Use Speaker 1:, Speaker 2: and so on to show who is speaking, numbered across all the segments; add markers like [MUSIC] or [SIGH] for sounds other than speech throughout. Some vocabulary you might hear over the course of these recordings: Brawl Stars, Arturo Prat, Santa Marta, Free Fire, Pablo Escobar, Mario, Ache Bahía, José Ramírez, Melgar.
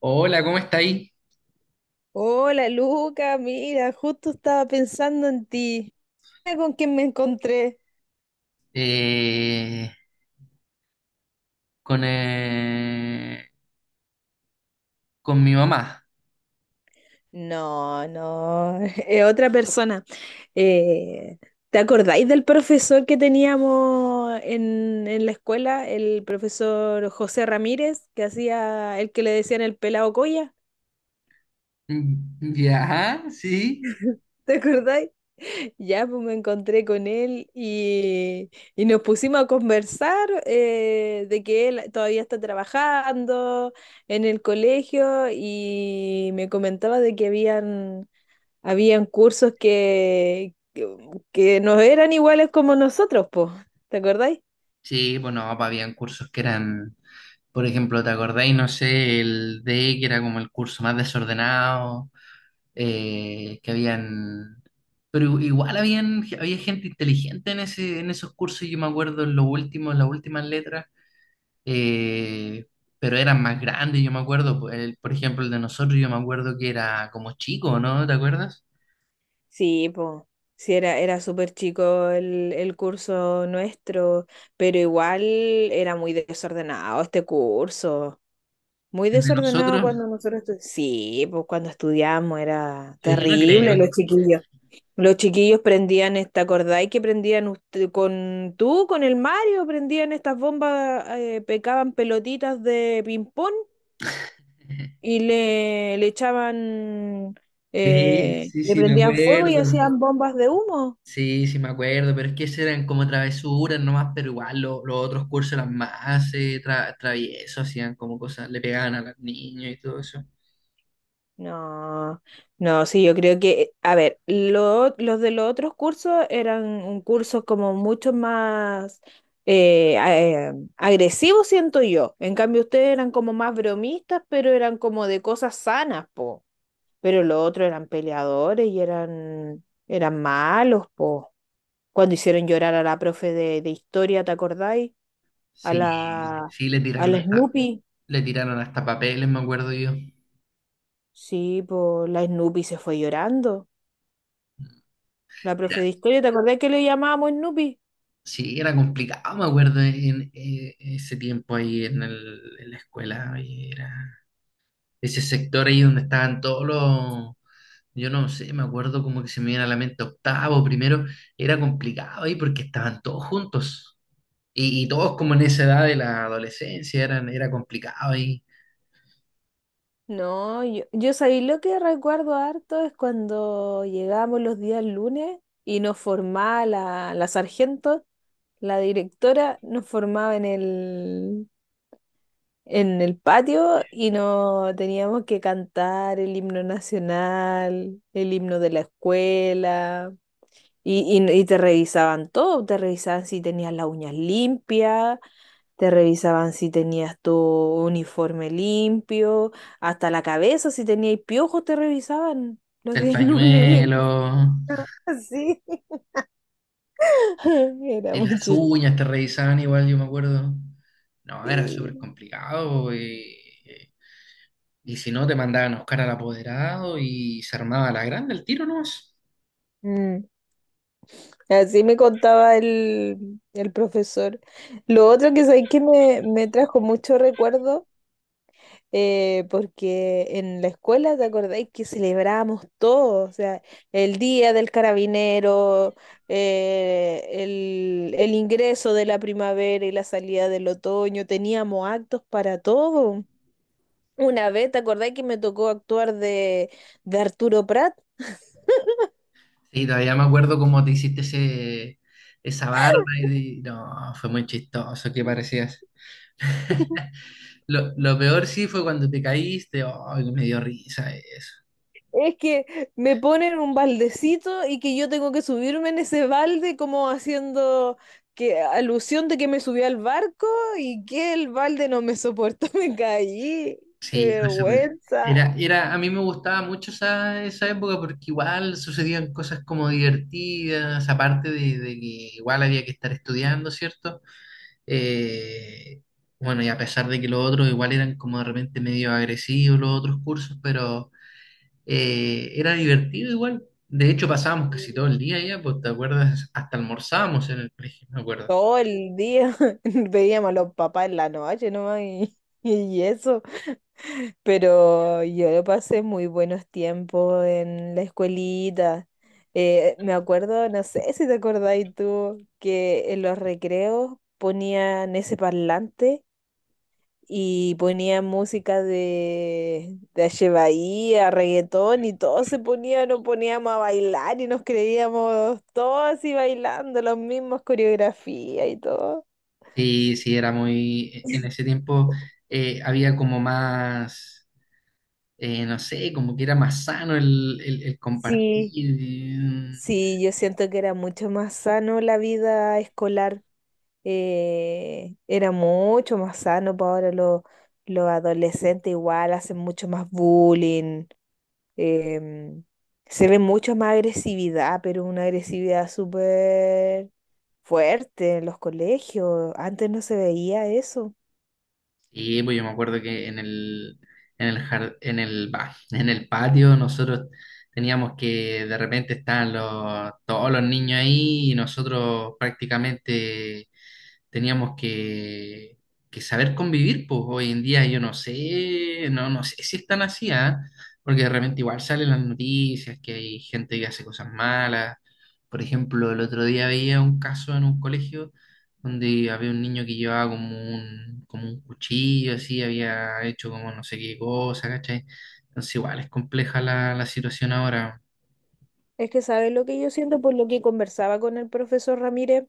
Speaker 1: Hola, ¿cómo estáis?
Speaker 2: Hola Luca, mira, justo estaba pensando en ti. Mira, ¿con quién me encontré?
Speaker 1: Eh, con, con mi mamá. [LAUGHS]
Speaker 2: No, no, [LAUGHS] es otra persona. Eh, ¿Te acordáis del profesor que teníamos en la escuela? El profesor José Ramírez, que hacía el que le decían el pelado Coya.
Speaker 1: Ya, sí.
Speaker 2: [LAUGHS] ¿Te acordáis? Ya, pues me encontré con él, y nos pusimos a conversar, de que él todavía está trabajando en el colegio y me comentaba de que habían cursos que no eran iguales como nosotros, pues. ¿Te acordáis?
Speaker 1: Sí, bueno, papá, habían cursos que eran, por ejemplo, ¿te acordáis? No sé, el D, que era como el curso más desordenado, que habían... Pero igual habían, había gente inteligente en ese, en esos cursos, yo me acuerdo en los últimos, en las últimas letras. eh, pero eran más grandes, yo me acuerdo, por ejemplo, el de nosotros, yo me acuerdo que era como chico, ¿no? ¿Te acuerdas?
Speaker 2: Sí, pues. Sí, era súper chico el curso nuestro, pero igual era muy desordenado este curso. Muy
Speaker 1: El de
Speaker 2: desordenado
Speaker 1: nosotros,
Speaker 2: cuando nosotros estudiamos. Sí, pues cuando estudiamos era
Speaker 1: yo no creo.
Speaker 2: terrible los chiquillos. Los chiquillos prendían esta, ¿acordáis que prendían usted, con tú, con el Mario, prendían estas bombas, pecaban pelotitas de ping-pong
Speaker 1: [LAUGHS]
Speaker 2: y le echaban,
Speaker 1: Sí, sí,
Speaker 2: le
Speaker 1: sí, me
Speaker 2: prendían fuego y
Speaker 1: acuerdo.
Speaker 2: hacían bombas de humo?
Speaker 1: Sí, sí, me acuerdo, pero es que esas eran como travesuras nomás, pero igual los otros cursos eran más traviesos, hacían como cosas, le pegaban a los niños y todo eso.
Speaker 2: No, no, sí, yo creo que, a ver, lo- los de los otros cursos eran un curso como mucho más agresivos, siento yo. En cambio, ustedes eran como más bromistas, pero eran como de cosas sanas, po. Pero los otros eran peleadores y eran malos, po. Cuando hicieron llorar a la profe de historia, ¿te acordáis? A
Speaker 1: Sí,
Speaker 2: la,
Speaker 1: sí,
Speaker 2: a la Snoopy.
Speaker 1: le tiraron hasta papeles, me acuerdo yo.
Speaker 2: Sí, po, la Snoopy se fue llorando. La profe de historia, ¿te acordás que le llamábamos Snoopy?
Speaker 1: Sí, era complicado, me acuerdo, en, ese tiempo ahí en, en la escuela, ahí era ese sector ahí donde estaban todos los, yo no sé, me acuerdo como que se me viene a la mente octavo, primero, era complicado ahí porque estaban todos juntos y todos como en esa edad de la adolescencia, eran, era complicado ahí,
Speaker 2: No, yo sabía lo que recuerdo harto es cuando llegábamos los días lunes y nos formaba la sargento, la directora, nos formaba en en el patio y no teníamos que cantar el himno nacional, el himno de la escuela. Y te revisaban todo, te revisaban si tenías las uñas limpias. Te revisaban si tenías tu uniforme limpio, hasta la cabeza, si tenías piojos, te revisaban los
Speaker 1: el
Speaker 2: días lunes.
Speaker 1: pañuelo
Speaker 2: [LAUGHS] Así. [LAUGHS] Era
Speaker 1: y
Speaker 2: muy
Speaker 1: las
Speaker 2: chistoso.
Speaker 1: uñas te revisaban igual, yo me acuerdo, no, era súper
Speaker 2: Sí.
Speaker 1: complicado y si no, te mandaban a buscar al apoderado y se armaba la grande el tiro, ¿no?
Speaker 2: Mm. Así me contaba el profesor. Lo otro que sabéis que me trajo mucho recuerdo, porque en la escuela, ¿te acordáis que celebrábamos todo? O sea, el día del carabinero, el ingreso de la primavera y la salida del otoño, teníamos actos para todo. Una vez, ¿te acordáis que me tocó actuar de Arturo Prat?
Speaker 1: Sí, todavía me acuerdo cómo te hiciste ese, esa barba y no, fue muy chistoso que parecías. Lo peor sí fue cuando te caíste, ay, me dio risa eso.
Speaker 2: Es que me ponen un baldecito y que yo tengo que subirme en ese balde como haciendo que alusión de que me subí al barco y que el balde no me soportó, [LAUGHS] me caí. ¡Qué
Speaker 1: Sí, fue súper.
Speaker 2: vergüenza!
Speaker 1: Era, era, a mí me gustaba mucho esa, esa época porque igual sucedían cosas como divertidas, aparte de que igual había que estar estudiando, ¿cierto? Eh, bueno, y a pesar de que los otros igual eran como de repente medio agresivos los otros cursos, pero era divertido igual. De hecho, pasábamos casi todo el día allá, pues te acuerdas, hasta almorzábamos en el colegio, me acuerdo.
Speaker 2: Todo el día [LAUGHS] veíamos a los papás en la noche nomás y eso. Pero yo pasé muy buenos tiempos en la escuelita. Me acuerdo, no sé si te acordáis tú, que en los recreos ponían ese parlante y ponían música de Ache Bahía, reggaetón y todos se ponían, nos poníamos a bailar y nos creíamos todos así bailando, las mismas coreografías y todo.
Speaker 1: Sí, sí, era muy, en ese tiempo había como más, no sé, como que era más sano el
Speaker 2: Sí,
Speaker 1: compartir.
Speaker 2: sí, yo siento que era mucho más sano la vida escolar. Era mucho más sano, para ahora los adolescentes igual hacen mucho más bullying, em, se ve mucho más agresividad, pero una agresividad súper fuerte en los colegios, antes no se veía eso.
Speaker 1: Sí, pues yo me acuerdo que en el, en el, en el, [LAUGHS] en el patio nosotros teníamos que de repente estaban los, todos los niños ahí y nosotros prácticamente teníamos que saber convivir, pues hoy en día yo no sé, no, no sé si es tan así, ¿ah? Porque de repente igual salen las noticias que hay gente que hace cosas malas. Por ejemplo, el otro día veía un caso en un colegio donde había un niño que llevaba como un cuchillo, así, había hecho como no sé qué cosa, ¿cachai? Entonces igual es compleja la, la situación ahora.
Speaker 2: Es que, ¿sabes lo que yo siento? Por lo que conversaba con el profesor Ramírez,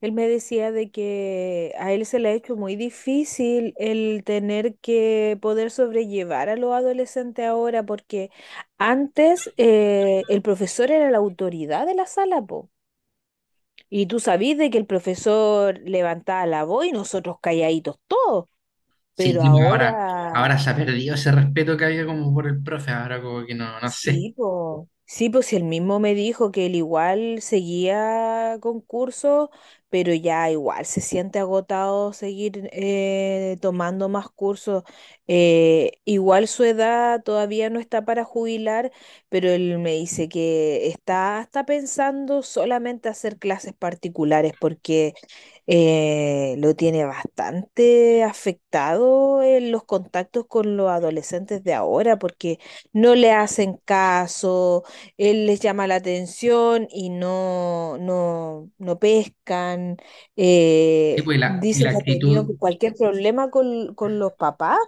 Speaker 2: él me decía de que a él se le ha hecho muy difícil el tener que poder sobrellevar a los adolescentes ahora, porque antes el profesor era la autoridad de la sala, po. Y tú sabías de que el profesor levantaba la voz y nosotros calladitos todos,
Speaker 1: Sí,
Speaker 2: pero
Speaker 1: pues, ahora,
Speaker 2: ahora.
Speaker 1: ahora se ha perdido ese respeto que había como por el profe, ahora como que no, no sé.
Speaker 2: Sí, pues él mismo me dijo que él igual seguía con cursos, pero ya igual se siente agotado seguir, tomando más cursos. Igual su edad todavía no está para jubilar, pero él me dice que está pensando solamente hacer clases particulares porque, lo tiene bastante afectado en los contactos con los adolescentes de ahora, porque no le hacen caso, él les llama la atención y no, no, no pescan.
Speaker 1: Sí, pues, y
Speaker 2: Dice
Speaker 1: la
Speaker 2: que ha tenido
Speaker 1: actitud,
Speaker 2: cualquier problema con los papás.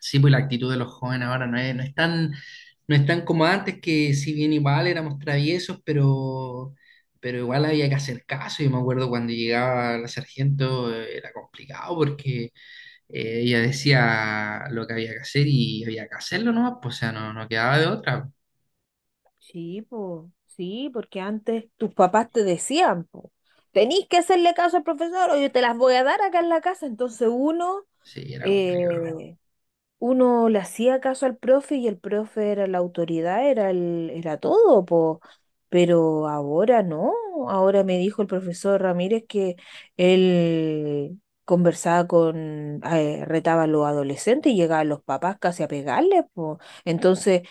Speaker 1: sí, pues, la actitud de los jóvenes ahora no es, no es tan, no es tan como antes, que si bien igual éramos traviesos, pero igual había que hacer caso. Yo me acuerdo cuando llegaba la sargento, era complicado porque ella decía lo que había que hacer y había que hacerlo nomás, pues, o sea, no, no quedaba de otra.
Speaker 2: Sí, po, sí, porque antes tus papás te decían, po, tenís que hacerle caso al profesor o yo te las voy a dar acá en la casa. Entonces uno,
Speaker 1: Sí, era complicado.
Speaker 2: eh, uno le hacía caso al profe y el profe era la autoridad, era todo, po. Pero ahora no, ahora me dijo el profesor Ramírez que él conversaba con, retaba a los adolescentes y llegaban los papás casi a pegarles, po. Entonces,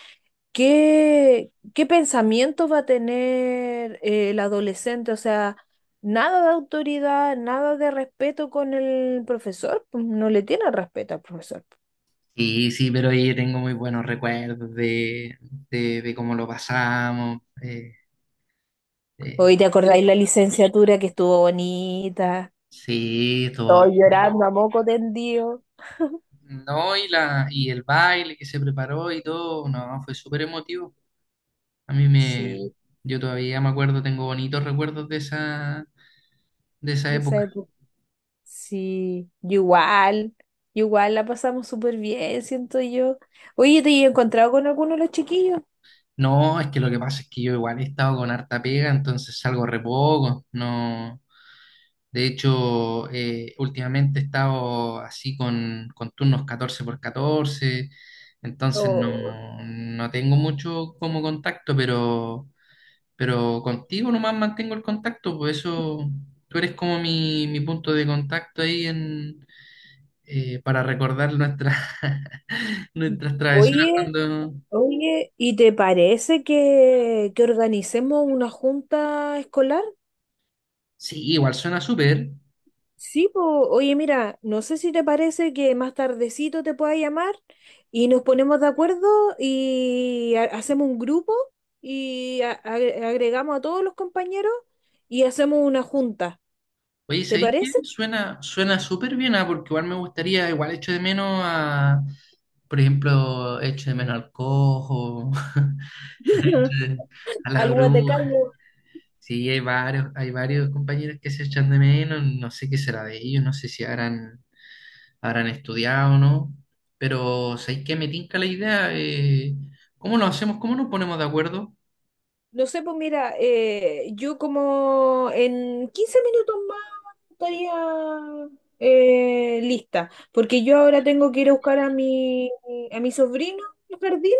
Speaker 2: ¿qué, qué pensamiento va a tener, el adolescente? O sea, nada de autoridad, nada de respeto con el profesor, pues, no le tiene respeto al profesor.
Speaker 1: Sí, sí, pero yo tengo muy buenos recuerdos de cómo lo pasamos. Eh,
Speaker 2: Hoy te acordáis la licenciatura que estuvo bonita,
Speaker 1: sí, todo.
Speaker 2: todos llorando a moco tendido.
Speaker 1: No, y la, y el baile que se preparó y todo, no, fue súper emotivo. A mí me,
Speaker 2: Sí,
Speaker 1: yo todavía me acuerdo, tengo bonitos recuerdos de esa
Speaker 2: de esa
Speaker 1: época.
Speaker 2: época. Sí, yo igual la pasamos súper bien, siento yo. Oye, ¿te he encontrado con alguno de los chiquillos?
Speaker 1: No, es que lo que pasa es que yo igual he estado con harta pega, entonces salgo re poco, no. De hecho, últimamente he estado así con turnos 14 por 14, entonces no,
Speaker 2: Oh.
Speaker 1: no tengo mucho como contacto, pero contigo nomás mantengo el contacto, por eso tú eres como mi punto de contacto ahí en, para recordar nuestras [LAUGHS] nuestras travesuras
Speaker 2: Oye,
Speaker 1: cuando...
Speaker 2: oye, ¿y te parece que organicemos una junta escolar?
Speaker 1: Sí, igual suena súper.
Speaker 2: Sí, po. Oye, mira, no sé si te parece que más tardecito te pueda llamar y nos ponemos de acuerdo y hacemos un grupo y agregamos a todos los compañeros y hacemos una junta.
Speaker 1: Oye,
Speaker 2: ¿Te
Speaker 1: ¿sabéis qué?
Speaker 2: parece?
Speaker 1: Suena, suena súper bien, ah, porque igual me gustaría, igual echo de menos a, por ejemplo, echo de menos al cojo, [LAUGHS]
Speaker 2: [LAUGHS]
Speaker 1: echo de- a la
Speaker 2: Al Guatecán.
Speaker 1: bruja. Sí, hay varios compañeros que se echan de menos, no sé qué será de ellos, no sé si habrán, habrán estudiado o no, pero ¿sabéis qué? Me tinca la idea, ¿cómo lo hacemos? ¿Cómo nos ponemos de acuerdo?
Speaker 2: No sé, pues mira, yo como en 15 minutos más estaría, lista, porque yo ahora tengo que ir a buscar a mi sobrino al jardín,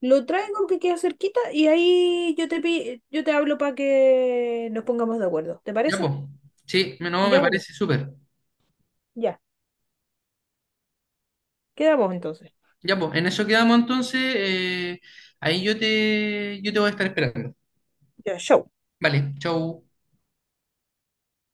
Speaker 2: lo traigo que queda cerquita y ahí yo te, yo te hablo para que nos pongamos de acuerdo. ¿Te
Speaker 1: Ya, pues,
Speaker 2: parece?
Speaker 1: sí, no, me
Speaker 2: Ya, bueno,
Speaker 1: parece súper.
Speaker 2: ya. Quedamos entonces.
Speaker 1: Ya, pues, en eso quedamos entonces, ahí yo te voy a estar esperando.
Speaker 2: Ya, show.
Speaker 1: Vale, chau.